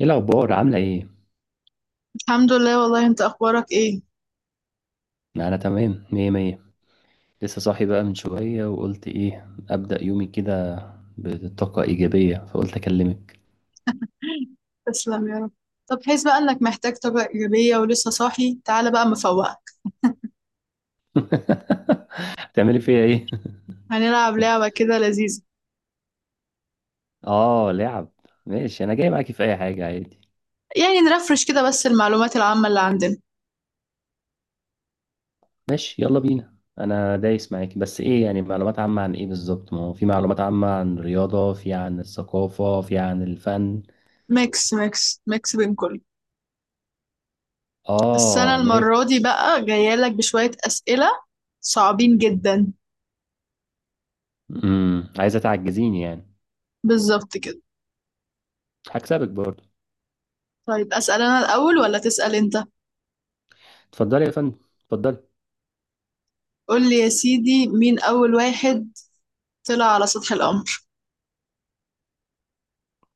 ايه الاخبار؟ عامله ايه؟ الحمد لله. والله انت اخبارك ايه؟ انا تمام، مية مية. لسه صاحي بقى من شويه، وقلت ايه، ابدا يومي كده بطاقه ايجابيه، فقلت اكلمك. تسلم يا رب. طب حس بقى انك محتاج طاقة ايجابية ولسه صاحي، تعالى بقى مفوقك. تعملي فيا ايه؟ هنلعب لعبة كده لذيذة. اه، لعب. ماشي، انا جاي معاكي في اي حاجه عادي. يعني نرفرش كده بس المعلومات العامة اللي عندنا. ماشي، يلا بينا. انا دايس معاكي، بس ايه يعني معلومات عامه عن ايه بالظبط؟ ما هو في معلومات عامه عن الرياضه، في عن الثقافه، في عن الفن. ميكس ميكس ميكس بين كله. بس انا اه، ميكس. المرة دي بقى جاية لك بشوية اسئلة صعبين جدا. عايزه تعجزيني يعني؟ بالظبط كده. هكسبك برضه. طيب اسأل انا الاول ولا تسأل انت؟ اتفضلي يا فندم، اتفضلي. قول لي يا سيدي، مين اول واحد طلع على سطح القمر؟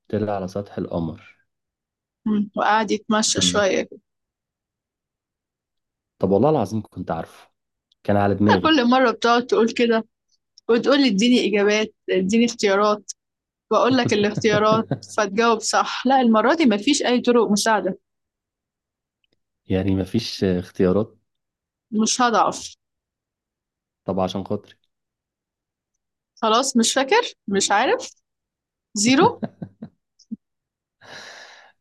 طلع على سطح القمر؟ وقعد يتمشى مم. شوية كده. طب والله العظيم كنت عارفه. كان على دماغي. كل مرة بتقعد تقول كده وتقول لي اديني اجابات اديني اختيارات، بقول لك الاختيارات فتجاوب صح. لا المره دي مفيش اي طرق مساعده، يعني مفيش اختيارات؟ مش هضعف. طب عشان خاطري. خلاص مش فاكر، مش عارف، زيرو.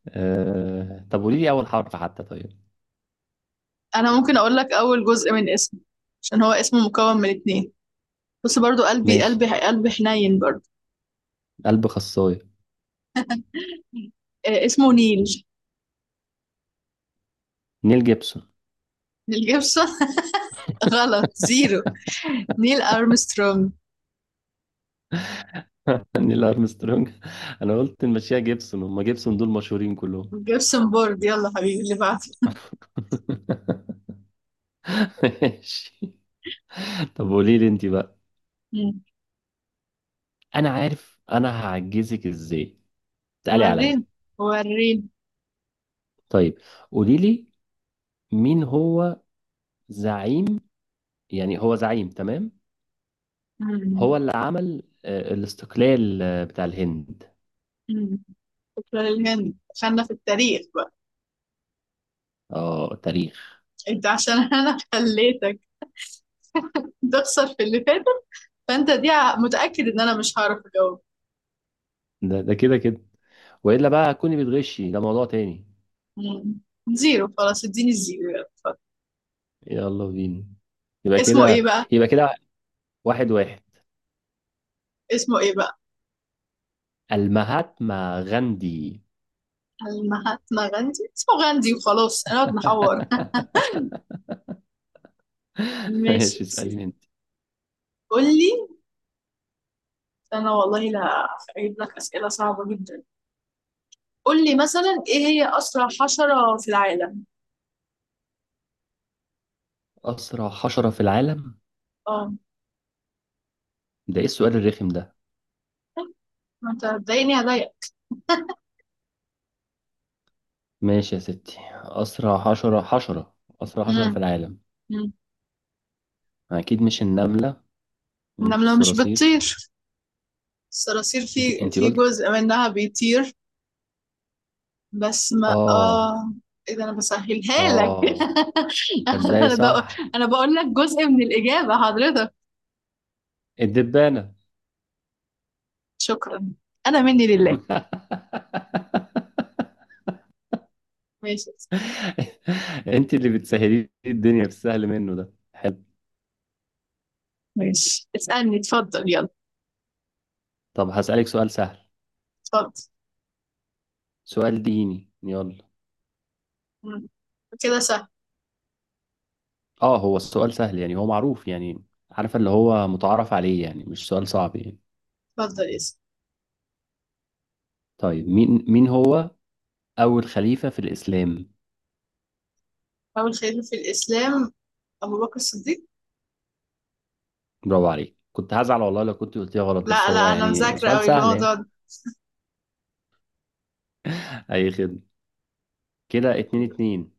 طب قولي لي اول حرف حتى، طيب. انا ممكن اقول لك اول جزء من اسمه، عشان هو اسمه مكون من اتنين. بص برضو قلبي ماشي. قلبي قلبي حنين برضو. قلب خصايه. آه اسمه نيل. نيل جيبسون. نيل جيبسون؟ غلط، زيرو. نيل ارمسترونج. نيل ارمسترونج. انا قلت نمشيها جيبسون، هم جيبسون دول مشهورين كلهم. جيبسون بورد، يلا حبيبي اللي بعده. ماشي. طب قولي لي انت بقى. مم. انا عارف انا هعجزك ازاي. تعالي عليا. وريني، وريني. طيب. قولي لي. مين هو. زعيم. يعني هو زعيم، تمام؟ هو مم. اللي عمل الاستقلال بتاع الهند. مم. شكرا للهند، دخلنا في التاريخ بقى. اه، تاريخ. انت عشان انا خليتك تخسر في اللي فاتت، فانت دي متأكد ان انا مش هعرف اجاوب. ده كده كده. والا بقى كوني بتغشي، ده موضوع تاني. مم. زيرو خلاص، اديني الزيرو يلا اتفضل. يلا بينا. يبقى اسمه ايه كده. بقى؟ يبقى كده. واحد واحد. اسمه ايه بقى؟ المهاتما غاندي. المهاتما غاندي؟ اسمه غاندي وخلاص، انا قاعد نحور. ماشي ماشي، يا سيدي. اسأليني انت. قول لي. انا والله لا، هجيب لك اسئله صعبه جدا. قول لي مثلا، ايه هي اسرع حشره في العالم؟ أسرع حشرة في العالم؟ اه، ده ايه السؤال الرخم ده؟ ما انت هتضايقني هضايقك. ماشي يا ستي، أسرع حشرة، أسرع حشرة في مم. العالم. مم. أكيد مش النملة. ومش النمله مش الصراصير. بتطير، الصراصير انت في انت في قلت. جزء منها بيطير. بس ما اه. اه، ايه ده انا بسهلها لك. اه. صدقي انا صح. بقول، انا بقول لك جزء من الاجابه حضرتك. الدبانة. شكرا، انا مني لله. ماشي انت اللي بتسهلي لي الدنيا، في السهل منه ده حلو. ماشي. اسالني اتفضل يلا. طب هسألك سؤال سهل. اتفضل. سؤال ديني، يلا. مم. كده سهل. اه هو السؤال سهل يعني، هو معروف يعني. عارفة، اللي هو متعارف عليه يعني، مش سؤال صعب يعني. اتفضل اسال. طيب، مين هو أول خليفة في الإسلام؟ اول خليفه في الاسلام؟ ابو بكر الصديق. برافو عليك، كنت هزعل والله لو كنت قلتيها غلط، لا بس لا، هو انا يعني مذاكره سؤال قوي سهل يعني. الموضوع ده. أي خدمة. كده اتنين اتنين.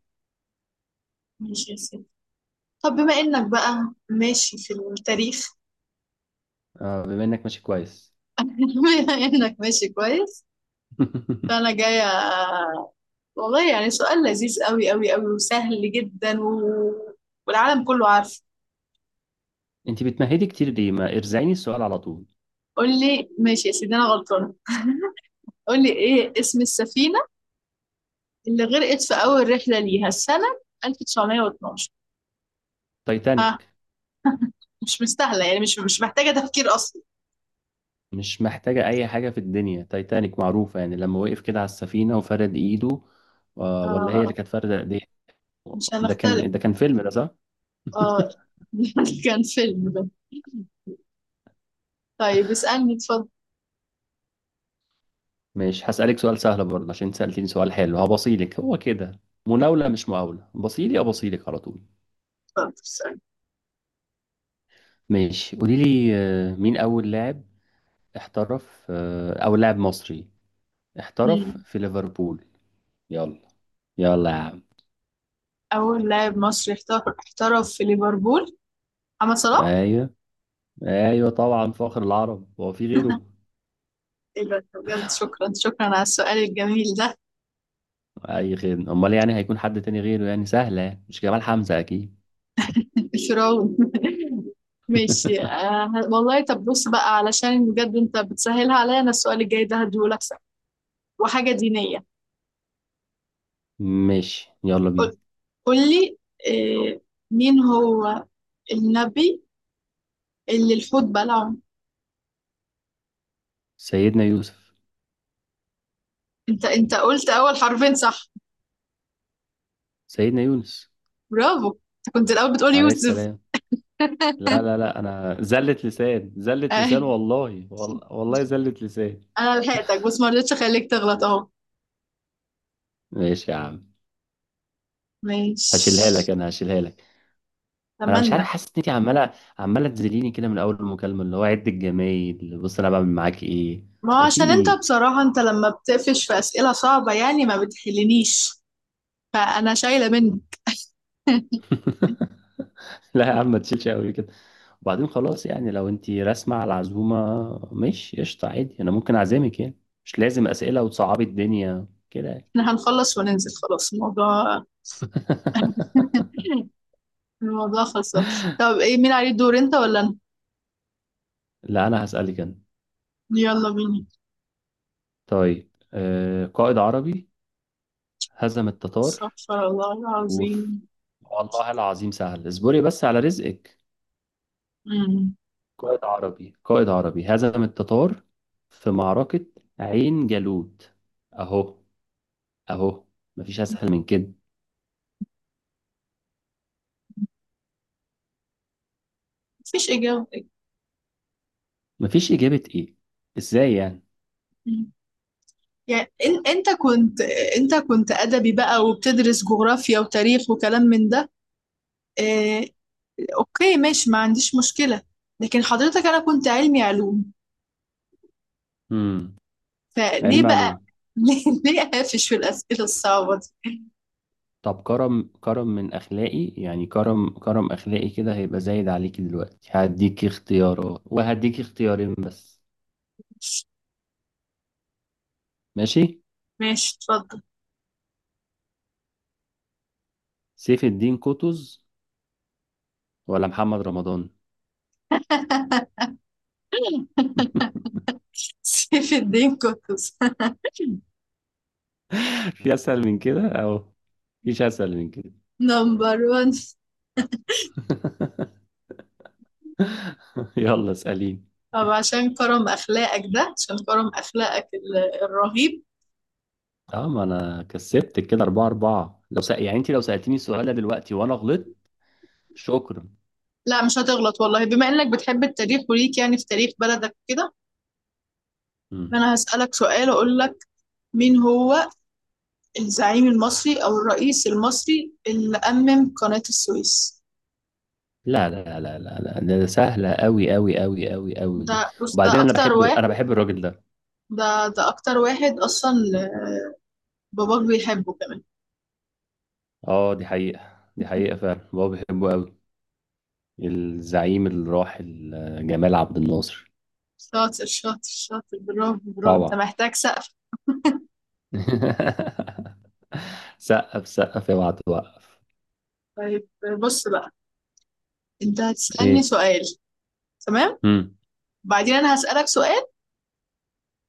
ماشي يا سيدي. طب بما انك بقى ماشي في التاريخ، اه، بما انك ماشي كويس. بما انك ماشي كويس، فانا جايه. والله يعني سؤال لذيذ قوي قوي قوي وسهل جدا و... والعالم كله عارف. انت بتمهدي كتير ليه؟ ما ارزعيني السؤال على طول. قول لي ماشي يا سيدي انا غلطانه. قول لي ايه اسم السفينه اللي غرقت في اول رحله ليها السنه 1912؟ ها؟ تايتانيك. مش مستاهله يعني، مش مش محتاجه تفكير اصلا. مش محتاجة اي حاجة في الدنيا، تايتانيك معروفة يعني، لما وقف كده على السفينة وفرد ايده. ولا هي اللي آه، كانت فاردة ايديها. مش ده هنختلف. كان ده كان فيلم ده، صح. اه كان فيلم ده. طيب اسالني اتفضل. مش هسألك سؤال سهل برضه، عشان سألتيني سؤال حلو هبصيلك هو كده. مناولة مش مقاولة، بصيلي أبصيلك على طول. اتفضل اسالني. ماشي، قولي لي مين أول لاعب احترف أو لاعب مصري احترف مم. في ليفربول؟ يلا. يلا يا عم. اول لاعب مصري احترف في ليفربول؟ محمد صلاح. ايوه. ايوه طبعا، فخر العرب، هو في غيره؟ ايوه بجد، شكرا شكرا على السؤال الجميل ده. اي خير، امال يعني هيكون حد تاني غيره يعني، سهله يعني. مش جمال حمزه اكيد. الفرعون. ماشي آه والله. طب بص بقى، علشان بجد انت بتسهلها عليا، انا السؤال الجاي ده هديهولك سهل، وحاجة دينية. ماشي، يلا بينا. قول، قول لي آه، مين هو النبي اللي الحوت بلعه؟ سيدنا يوسف. انت انت قلت اول حرفين صح. سيدنا يونس، برافو. انت كنت الاول بتقول عليه يوسف. السلام. لا لا لا، انا زلت لسان زلت آه، لسان والله، والله زلت لسان. انا لحقتك بس ما رضيتش اخليك تغلط اهو. ماشي يا عم. هشيلها ماشي. لك، انا هشيلها لك. انا مش اتمنى. عارف، حاسس ان انت عماله تذليني كده من اول المكالمه، اللي هو عد الجمايل، بص انا بعمل معاك ايه. ما هو وفي عشان انت ايه؟ بصراحة، انت لما بتقفش في أسئلة صعبة يعني ما بتحلنيش، فأنا شايلة منك. لا يا عم، ما تشيلش قوي كده. وبعدين خلاص يعني، لو انت راسمة على العزومة ماشي، قشطة عادي، انا ممكن اعزمك يعني. مش لازم اسئلة وتصعبي الدنيا كده يعني. احنا هنخلص وننزل خلاص الموضوع. الموضوع خلصان. طب ايه، مين عليه الدور، انت ولا انا؟ لا، انا هسألك انا. يلا بينا. طيب، قائد عربي هزم التتار. استغفر الله وف العظيم. والله العظيم سهل، اصبري بس على رزقك. مم. قائد عربي قائد عربي هزم التتار، في معركة عين جالوت. اهو. اهو. مفيش اسهل من كده. مفيش إجابة. مفيش إجابة إيه؟ إزاي يعني؟ مم. يعني انت كنت، انت كنت أدبي بقى وبتدرس جغرافيا وتاريخ وكلام من ده. اه... اوكي ماشي، ما عنديش مشكلة. لكن حضرتك انا كنت علمي علوم، امم علم فليه بقى معلوم. ليه ليه قافش في الأسئلة الصعبة دي؟ طب، كرم كرم من أخلاقي يعني، كرم كرم أخلاقي كده هيبقى زايد عليك دلوقتي، هديك اختيارات، وهديك اختيارين بس. ماشي؟ ماشي اتفضل. سيف الدين قطز، ولا محمد رمضان؟ سيف الدين قطز. في أسهل من كده، أو مفيش أسهل من كده. نمبر 1. يلا، اسأليني. طب عشان كرم أخلاقك ده، عشان كرم أخلاقك الرهيب. اه ما أنا كسبت كده أربعة أربعة، لو يعني أنت لو سألتني السؤال ده دلوقتي وأنا غلطت. شكرا. لا مش هتغلط والله، بما إنك بتحب التاريخ وليك يعني في تاريخ بلدك كده. مم. أنا هسألك سؤال، أقول لك مين هو الزعيم المصري أو الرئيس المصري اللي أمم قناة السويس؟ لا لا لا لا لا، ده سهلة أوي أوي أوي أوي أوي دي. ده بص ده وبعدين أنا أكتر بحب واحد. أنا بحب الراجل ده. ده ده أكتر واحد أصلا، باباك بيحبه كمان. أه، دي حقيقة دي حقيقة، فعلا بابا بحبه أوي. الزعيم الراحل جمال عبد الناصر. شاطر، شاطر، شاطر. برافو، برافو. انت طبعا. محتاج سقف. سقف سقف يا بعد وقف. طيب بص بقى، انت هتسألني إيه؟ سؤال، تمام؟ مم. بعدين انا هسألك سؤال.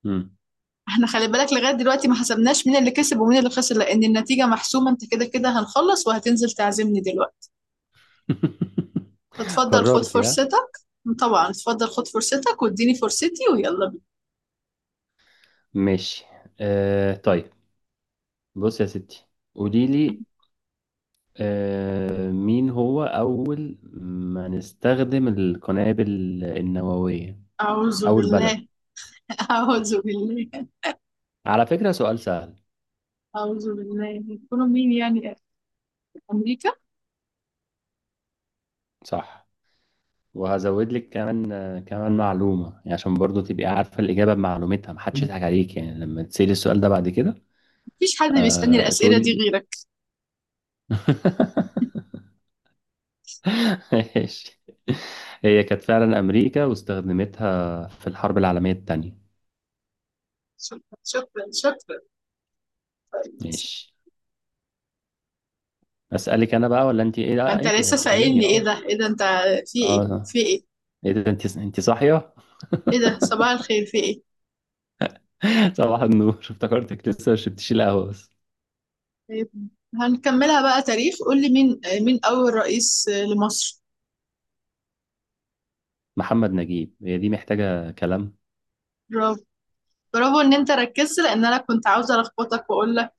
مم. احنا خلي بالك، لغاية دلوقتي ما حسبناش مين اللي كسب ومين اللي خسر، لان النتيجة محسومة، انت كده كده هنخلص وهتنزل تعزمني دلوقتي. فتفضل خد قررت يا. فرصتك. طبعا اتفضل خد فرصتك، واديني فرصتي، ويلا بينا. ماشي، طيب. بص يا ستي. قولي لي، مين هو أول ما نستخدم القنابل النووية، أعوذ أو البلد؟ بالله. أعوذ بالله. على فكرة سؤال سهل. أعوذ بالله يكونوا مين يعني؟ في أمريكا. صح. وهزود لك كمان كمان معلومة يعني، عشان برضو تبقي عارفة الإجابة بمعلومتها، محدش يضحك عليك يعني لما تسألي السؤال ده بعد كده. مفيش حد بيسألني أه، الأسئلة دي تقولي. غيرك. ماشي. هي كانت فعلا أمريكا، واستخدمتها في الحرب العالمية التانية. شكرا شكرا شكرا. طيب. ماشي. أسألك أنا بقى ولا أنت؟ إيه ما لا، انت أنت اللي لسه سائلني، هتسأليني، ايه أه. ده، ايه ده؟ انت في أه ايه، آه. في ايه؟ ايه ده، انت صاحيه؟ ايه ده، صباح الخير، في ايه؟ صباح النور، افتكرتك لسه مش بتشيل قهوه بس. طيب، هنكملها بقى تاريخ. قول لي مين، مين اول رئيس لمصر؟ محمد نجيب، هي دي محتاجه كلام؟ برافو، برافو ان انت ركزت، لان انا كنت عاوزه الخبطك واقول لك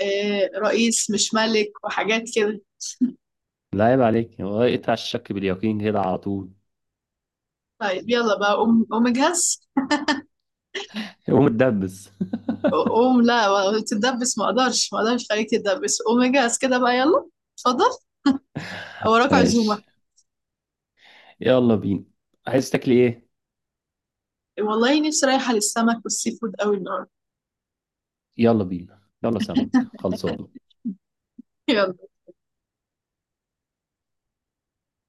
آه، رئيس مش ملك وحاجات كده. لا عيب عليك، هو اقطع الشك باليقين كده على طول. طيب يلا بقى، قوم قوم اجهز. قوم اتدبس. قوم لا تدبس، ما اقدرش ما اقدرش خليك تدبس، قوم اجهز كده بقى يلا. اتفضل، وراك عزومه. ماشي، يلا بينا. عايز تاكلي ايه؟ والله نفسي رايحه للسمك والسي فود قوي النهارده. يلا بينا، يلا سمك خلصان. يلا.